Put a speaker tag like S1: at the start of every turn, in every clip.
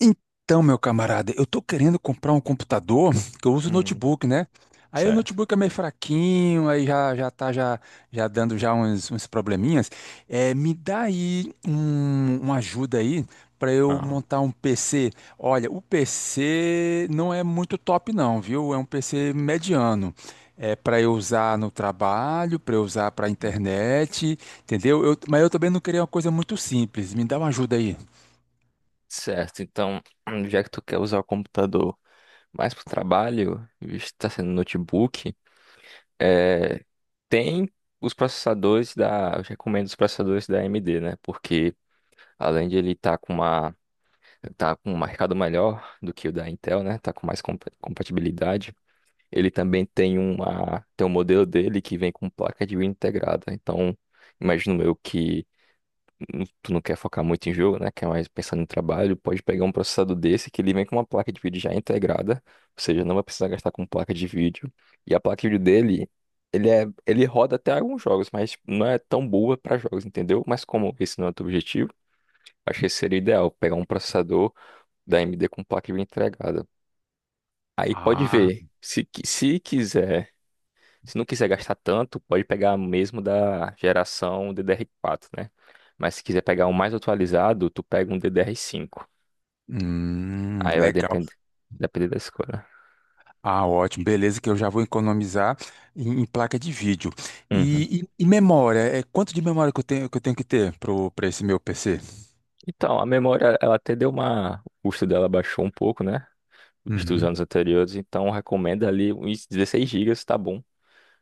S1: Então, meu camarada, eu tô querendo comprar um computador, que eu uso
S2: Hum,
S1: notebook, né? Aí o
S2: certo.
S1: notebook é meio fraquinho, aí já tá já dando já uns probleminhas. É, me dá aí uma ajuda aí para eu
S2: Ah,
S1: montar um PC. Olha, o PC não é muito top não, viu? É um PC mediano. É para eu usar no trabalho, para eu usar para
S2: hum,
S1: internet, entendeu? Mas eu também não queria uma coisa muito simples. Me dá uma ajuda aí.
S2: certo. Então, já que tu quer usar o computador mais para o trabalho, visto que tá sendo notebook, é, tem os processadores da. Eu recomendo os processadores da AMD, né? Porque além de ele estar com uma. Tá com um mercado melhor do que o da Intel, né? Tá com mais compatibilidade. Ele também tem uma. Tem um modelo dele que vem com placa de vídeo integrada. Então, imagino eu que. Tu não quer focar muito em jogo, né? Quer mais pensando no trabalho, pode pegar um processador desse que ele vem com uma placa de vídeo já integrada, ou seja, não vai precisar gastar com placa de vídeo. E a placa de vídeo dele, ele roda até alguns jogos, mas não é tão boa para jogos, entendeu? Mas como esse não é o teu objetivo, acho que seria ideal pegar um processador da AMD com placa de vídeo integrada. Aí pode ver. Se quiser, se não quiser gastar tanto, pode pegar mesmo da geração DDR4, né? Mas se quiser pegar um mais atualizado, tu pega um DDR5. Aí vai
S1: Legal.
S2: depender, depender da escolha.
S1: Ah, ótimo. Beleza, que eu já vou economizar em placa de vídeo.
S2: Uhum.
S1: E memória? É, quanto de memória que eu tenho que ter para esse meu PC?
S2: Então, a memória, ela até deu uma... O custo dela baixou um pouco, né? Dos
S1: Uhum.
S2: anos anteriores, então recomenda ali uns 16 gigas, tá bom.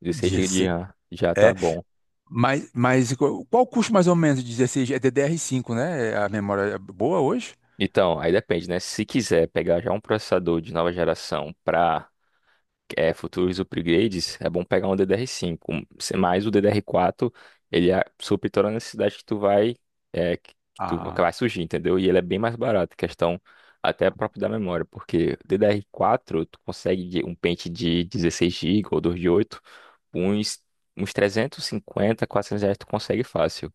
S2: 16 gigas de
S1: 16.
S2: RAM já tá
S1: É,
S2: bom.
S1: mas qual o custo mais ou menos de 16? É DDR5, né? A memória é boa hoje?
S2: Então, aí depende, né? Se quiser pegar já um processador de nova geração para é, futuros upgrades, é bom pegar um DDR5. Mas o DDR4, supre toda a necessidade que tu vai, é, que tu que
S1: Ah,
S2: vai surgir, entendeu? E ele é bem mais barato, questão até próprio da memória, porque DDR4 tu consegue um pente de 16 gigas ou 2 de 8, uns, uns 350, R$ 400 tu consegue fácil.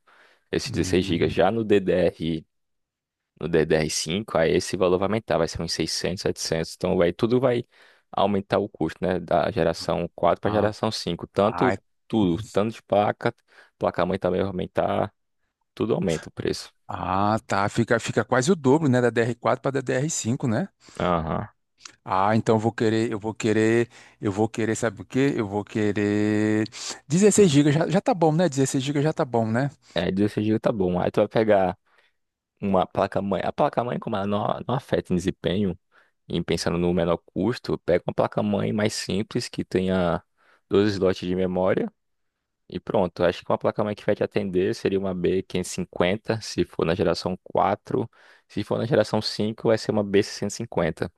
S2: Esse 16 gigas.
S1: hum,
S2: Já no DDR no DDR5, aí esse valor vai aumentar, vai ser uns 600, 700, então vai, tudo vai aumentar o custo, né, da geração 4 para a
S1: ah,
S2: geração cinco,
S1: ah,
S2: tanto tudo, tanto de placa, placa-mãe também vai aumentar, tudo aumenta o preço.
S1: ah, tá. Fica quase o dobro, né? Da DR4 para DDR5, né?
S2: Aham.
S1: Ah, então eu vou querer, eu vou querer, eu vou querer, sabe o quê? Eu vou querer 16
S2: Hum.
S1: GB, já tá bom, né? 16 GB já tá bom, né?
S2: Aí 16 GB tá bom, aí tu vai pegar uma placa-mãe, a placa-mãe como ela não afeta em desempenho, e pensando no menor custo, pega uma placa-mãe mais simples que tenha 12 slots de memória. E pronto, acho que uma placa-mãe que vai te atender seria uma B550, se for na geração quatro. Se for na geração 5 vai ser uma B650.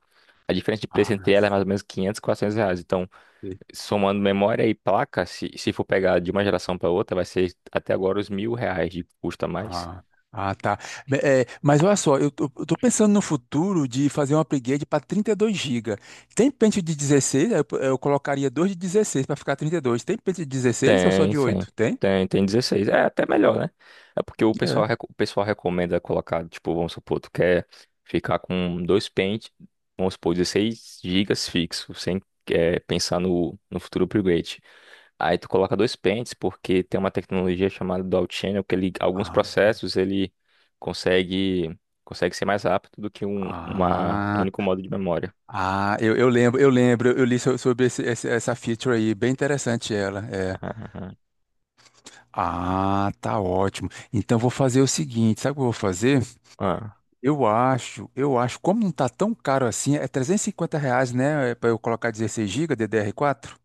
S2: A diferença de preço
S1: Ah,
S2: entre elas é mais ou menos 500, R$ 400. Então,
S1: sim.
S2: somando memória e placa, se for pegar de uma geração para outra, vai ser até agora os R$ 1.000 de custo a mais.
S1: Ah, ah, tá. É, mas olha só, eu tô pensando no futuro de fazer um upgrade para 32 GB. Tem pente de 16, eu colocaria dois de 16 para ficar 32. Tem pente de 16 ou só
S2: Tem,
S1: de
S2: sim.
S1: oito? Tem?
S2: Tem dezesseis. É até melhor, né? É porque o
S1: É.
S2: pessoal, o pessoal recomenda colocar, tipo, vamos supor, tu quer ficar com dois pentes, vamos supor, 16 gigas fixo, sem é, pensar no, no futuro upgrade. Aí tu coloca dois pentes, porque tem uma tecnologia chamada Dual Channel, que ele, alguns
S1: Ah,
S2: processos ele consegue, consegue ser mais rápido do que um uma, um
S1: ah,
S2: único modo de memória.
S1: ah, eu lembro, sobre essa feature aí, bem interessante ela. É.
S2: Ah,
S1: Ah, tá ótimo. Então vou fazer o seguinte, sabe o que eu vou fazer?
S2: ah.
S1: Eu acho, como não tá tão caro assim, é 350 reais, né, para eu colocar 16 GB DDR4?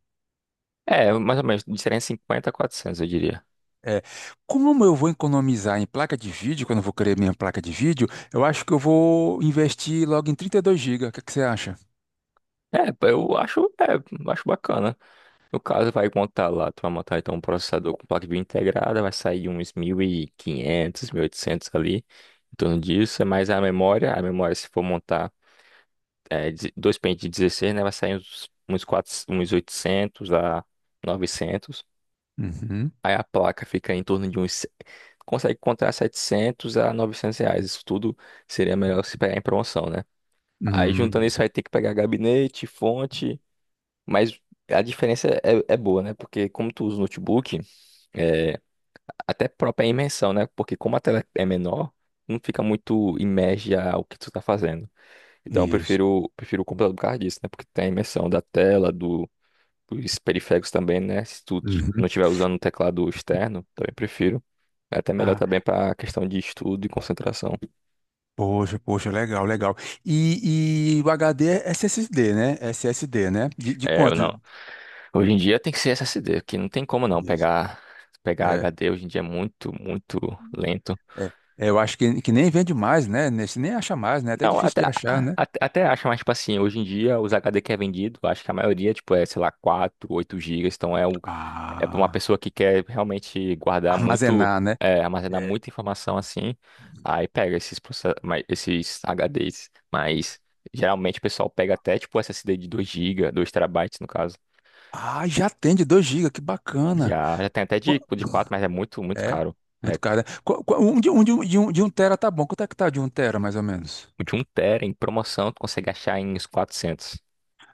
S2: É, mais ou menos, de 350 a 400, eu diria.
S1: É, como eu vou economizar em placa de vídeo, quando eu vou querer minha placa de vídeo, eu acho que eu vou investir logo em 32 GB. O que é que você acha?
S2: É, pô, eu acho, é, eu acho bacana. No caso, vai montar lá, tu vai montar então um processador com placa de vídeo integrada, vai sair uns mil e quinhentos, 1.800 ali, em torno disso, é mais a memória se for montar é, dois pentes de 16, né, vai sair uns, uns, 4, uns 800 a 900.
S1: Uhum.
S2: Aí a placa fica em torno de uns, consegue encontrar R$ 700 a R$ 900, isso tudo seria melhor se pegar em promoção, né? Aí juntando
S1: Hum,
S2: isso, vai ter que pegar gabinete, fonte... Mas a diferença é, é boa, né? Porque como tu usa o notebook, é, até própria imersão, né? Porque como a tela é menor, não fica muito imerge ao que tu tá fazendo. Então eu
S1: isso.
S2: prefiro, prefiro o computador por causa disso, né? Porque tem a imersão da tela, do, dos periféricos também, né? Se tu
S1: Uhum.
S2: não estiver usando um teclado externo, também prefiro. É até melhor também
S1: Ah,
S2: para questão de estudo e concentração.
S1: poxa, poxa, legal, legal. E o HD é SSD, né? SSD, né? De
S2: É, eu
S1: quanto?
S2: não. Hoje em dia tem que ser SSD, que não tem como não
S1: Isso.
S2: pegar HD. Hoje em dia é muito, muito lento.
S1: É, é, eu acho que nem vende mais, né? Nesse nem acha mais, né? Até
S2: Não,
S1: difícil
S2: até,
S1: de achar, né?
S2: acho, mas, tipo assim, hoje em dia, os HD que é vendido, acho que a maioria, tipo, é, sei lá, 4, 8 gigas, então é, um, é para uma
S1: Ah,
S2: pessoa que quer realmente guardar muito,
S1: armazenar, né?
S2: é, armazenar
S1: É.
S2: muita informação, assim, aí pega esses, esses HDs, mas geralmente o pessoal pega até, tipo, SSD de 2 GB, 2 terabytes no caso,
S1: Ah, já tem de 2 GB, que bacana.
S2: já tem até
S1: Qu-
S2: de quatro, mas é muito, muito
S1: É,
S2: caro, é,
S1: muito caro, né? Um de um tera tá bom. Quanto é que tá de um tera, mais ou menos?
S2: o de um TB em promoção, tu consegue achar em uns quatrocentos.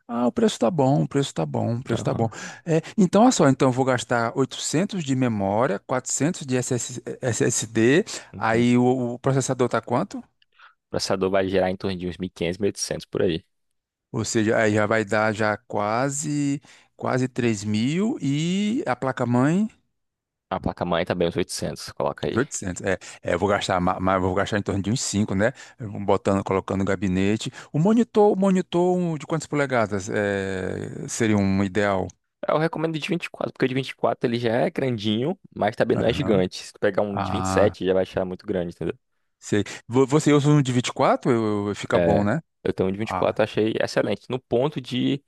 S1: Ah, o preço tá bom, o preço tá bom, o preço tá bom.
S2: Aham.
S1: É, então, olha só, então eu vou gastar 800 de memória, 400 de S S D. Aí o processador tá quanto?
S2: O processador vai gerar em torno de uns mil quinhentos, mil e 1800 por aí.
S1: Ou seja, aí já vai dar já quase 3 mil e a placa-mãe
S2: A placa-mãe também uns 800, coloca aí.
S1: 800. É, eu vou gastar, ma- mas eu vou gastar em torno de uns cinco, né? Eu vou botando, colocando no gabinete. O monitor um de quantas polegadas seria um ideal?
S2: Eu recomendo de 24, porque o de 24 ele já é grandinho, mas também não é
S1: Aham.
S2: gigante. Se tu pegar um de vinte e
S1: Ah,
S2: sete, já vai achar muito grande, entendeu?
S1: sei. Você usa um de 24? Fica bom,
S2: É,
S1: né?
S2: eu tenho um de
S1: Ah.
S2: 24, eu achei excelente. No ponto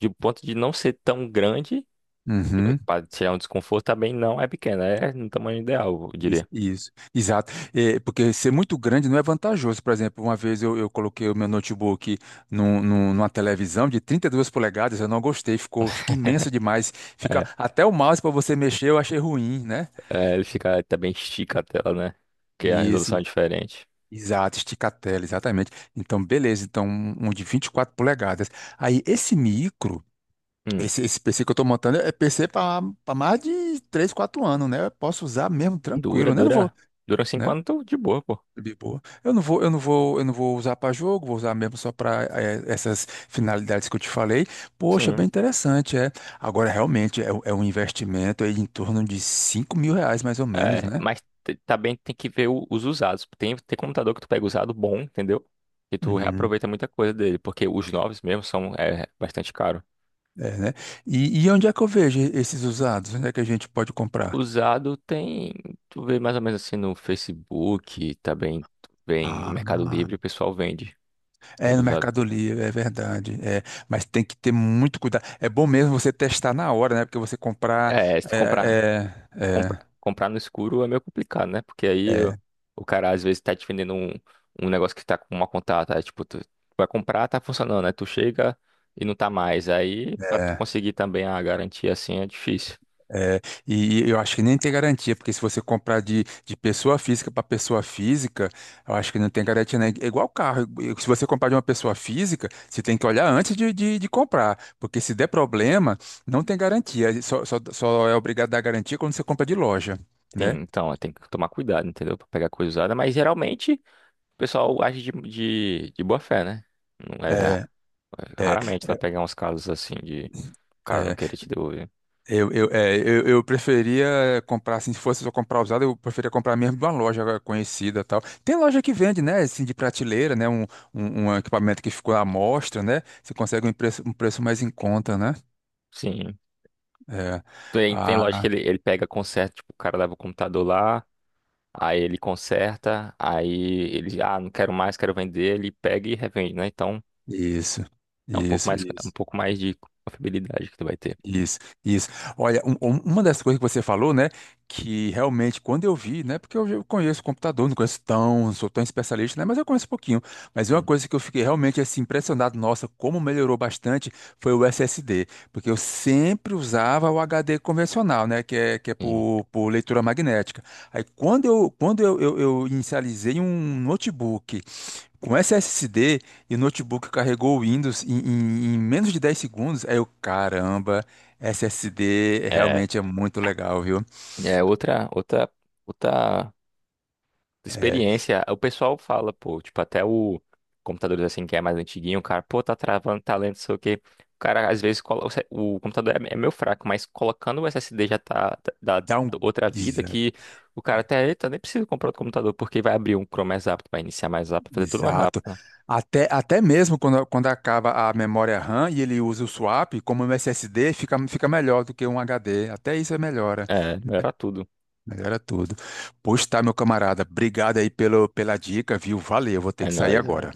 S2: de ponto de não ser tão grande,
S1: Uhum.
S2: para tirar um desconforto, também não é pequeno, é no tamanho ideal, eu
S1: Isso,
S2: diria.
S1: isso, exato. É, porque ser muito grande não é vantajoso. Por exemplo, uma vez eu coloquei o meu notebook numa televisão de 32 polegadas, eu não gostei, fica imenso demais. Fica
S2: É,
S1: até o mouse para você mexer, eu achei ruim, né?
S2: é, ele fica também estica a tela, né? Porque a
S1: E
S2: resolução é
S1: esse,
S2: diferente.
S1: exato, estica a tela, exatamente. Então, beleza, então um de 24 polegadas. Aí esse micro,
S2: Hum,
S1: esse, esse PC que eu estou montando é PC para mais de 3 4 anos, né? Eu posso usar mesmo
S2: dura,
S1: tranquilo, né? Não vou,
S2: dura. Dura 5
S1: né?
S2: anos, tô de boa, pô.
S1: De boa. Eu não vou, eu não vou, eu não vou usar para jogo, vou usar mesmo só para essas finalidades que eu te falei. Poxa,
S2: Sim.
S1: bem interessante, é. Agora, realmente, é, é um investimento aí em torno de 5 mil reais, mais ou menos,
S2: É,
S1: né?
S2: mas também tem que ver o- os usados. Tem computador que tu pega usado bom, entendeu? E tu
S1: Uhum.
S2: reaproveita muita coisa dele, porque os novos mesmo são é, bastante caros.
S1: É, né? E onde é que eu vejo esses usados? Onde é que a gente pode comprar?
S2: Usado tem, tu vê mais ou menos assim no Facebook, também tu vê em
S1: Ah,
S2: Mercado Livre, o pessoal vende
S1: é
S2: os
S1: no
S2: usados.
S1: Mercado Livre, é verdade. É, mas tem que ter muito cuidado. É bom mesmo você testar na hora, né? Porque você comprar.
S2: É, se tu comprar,
S1: É, é,
S2: no escuro é meio complicado, né? Porque aí
S1: é,
S2: o cara às vezes tá te vendendo um, um negócio que tá com uma contato, aí, tipo, tu vai comprar, tá funcionando, né? Tu chega e não tá mais. Aí,
S1: é,
S2: pra tu
S1: é.
S2: conseguir também a garantia assim é difícil.
S1: É, e eu acho que nem tem garantia, porque se você comprar de pessoa física para pessoa física, eu acho que não tem garantia, né? É igual carro. Se você comprar de uma pessoa física, você tem que olhar antes de comprar, porque se der problema, não tem garantia. Só é obrigado a dar garantia quando você compra de loja,
S2: Sim,
S1: né?
S2: então, é, tem que tomar cuidado, entendeu? Pra pegar coisa usada, mas geralmente o pessoal age de boa fé, né? Não é,
S1: É, é,
S2: raramente vai
S1: é,
S2: pegar uns casos assim de o cara não
S1: é.
S2: querer te devolver.
S1: Eu preferia comprar, assim, se fosse só comprar usado, eu preferia comprar mesmo de uma loja conhecida e tal. Tem loja que vende, né, assim, de prateleira, né, um equipamento que ficou à mostra, né, você consegue um preço mais em conta, né?
S2: Sim.
S1: É.
S2: Tem loja
S1: Ah,
S2: que ele pega conserta, tipo, o cara leva o computador lá. Aí ele conserta, aí ele, ah, não quero mais, quero vender, ele pega e revende, né? Então
S1: isso,
S2: é
S1: isso,
S2: um
S1: isso.
S2: pouco mais de confiabilidade que tu vai ter.
S1: Isso, isso. Olha, uma das coisas que você falou, né, que realmente quando eu vi, né, porque eu conheço computador, não conheço tão, sou tão especialista, né, mas eu conheço um pouquinho. Mas uma
S2: Hum.
S1: coisa que eu fiquei realmente assim impressionado, nossa, como melhorou bastante, foi o SSD, porque eu sempre usava o HD convencional, né, que é
S2: Sim.
S1: por leitura magnética. Aí quando eu inicializei um notebook com SSD e o notebook carregou o Windows em, em menos de 10 segundos, aí eu, caramba, SSD
S2: É,
S1: realmente é muito legal, viu?
S2: é outra
S1: É,
S2: experiência, o pessoal fala, pô, tipo, até o computador assim que é mais antiguinho, o cara, pô, tá travando, tá lento, não sei o quê. O cara, às vezes, colo... o se- o computador é meio fraco, mas colocando o SSD já dá
S1: dá um.
S2: outra vida,
S1: exa-
S2: que o cara até, eita, nem precisa comprar outro computador, porque vai abrir um Chrome mais rápido, vai iniciar mais rápido, fazer tudo mais rápido,
S1: Exato.
S2: né?
S1: Até mesmo quando acaba a memória RAM e ele usa o swap, como um SSD, fica melhor do que um HD. Até isso é melhora.
S2: É, melhorar tudo.
S1: Melhora tudo. Pois tá, meu camarada. Obrigado aí pelo, pela dica, viu? Valeu, vou ter
S2: É
S1: que sair
S2: nóis, né?
S1: agora.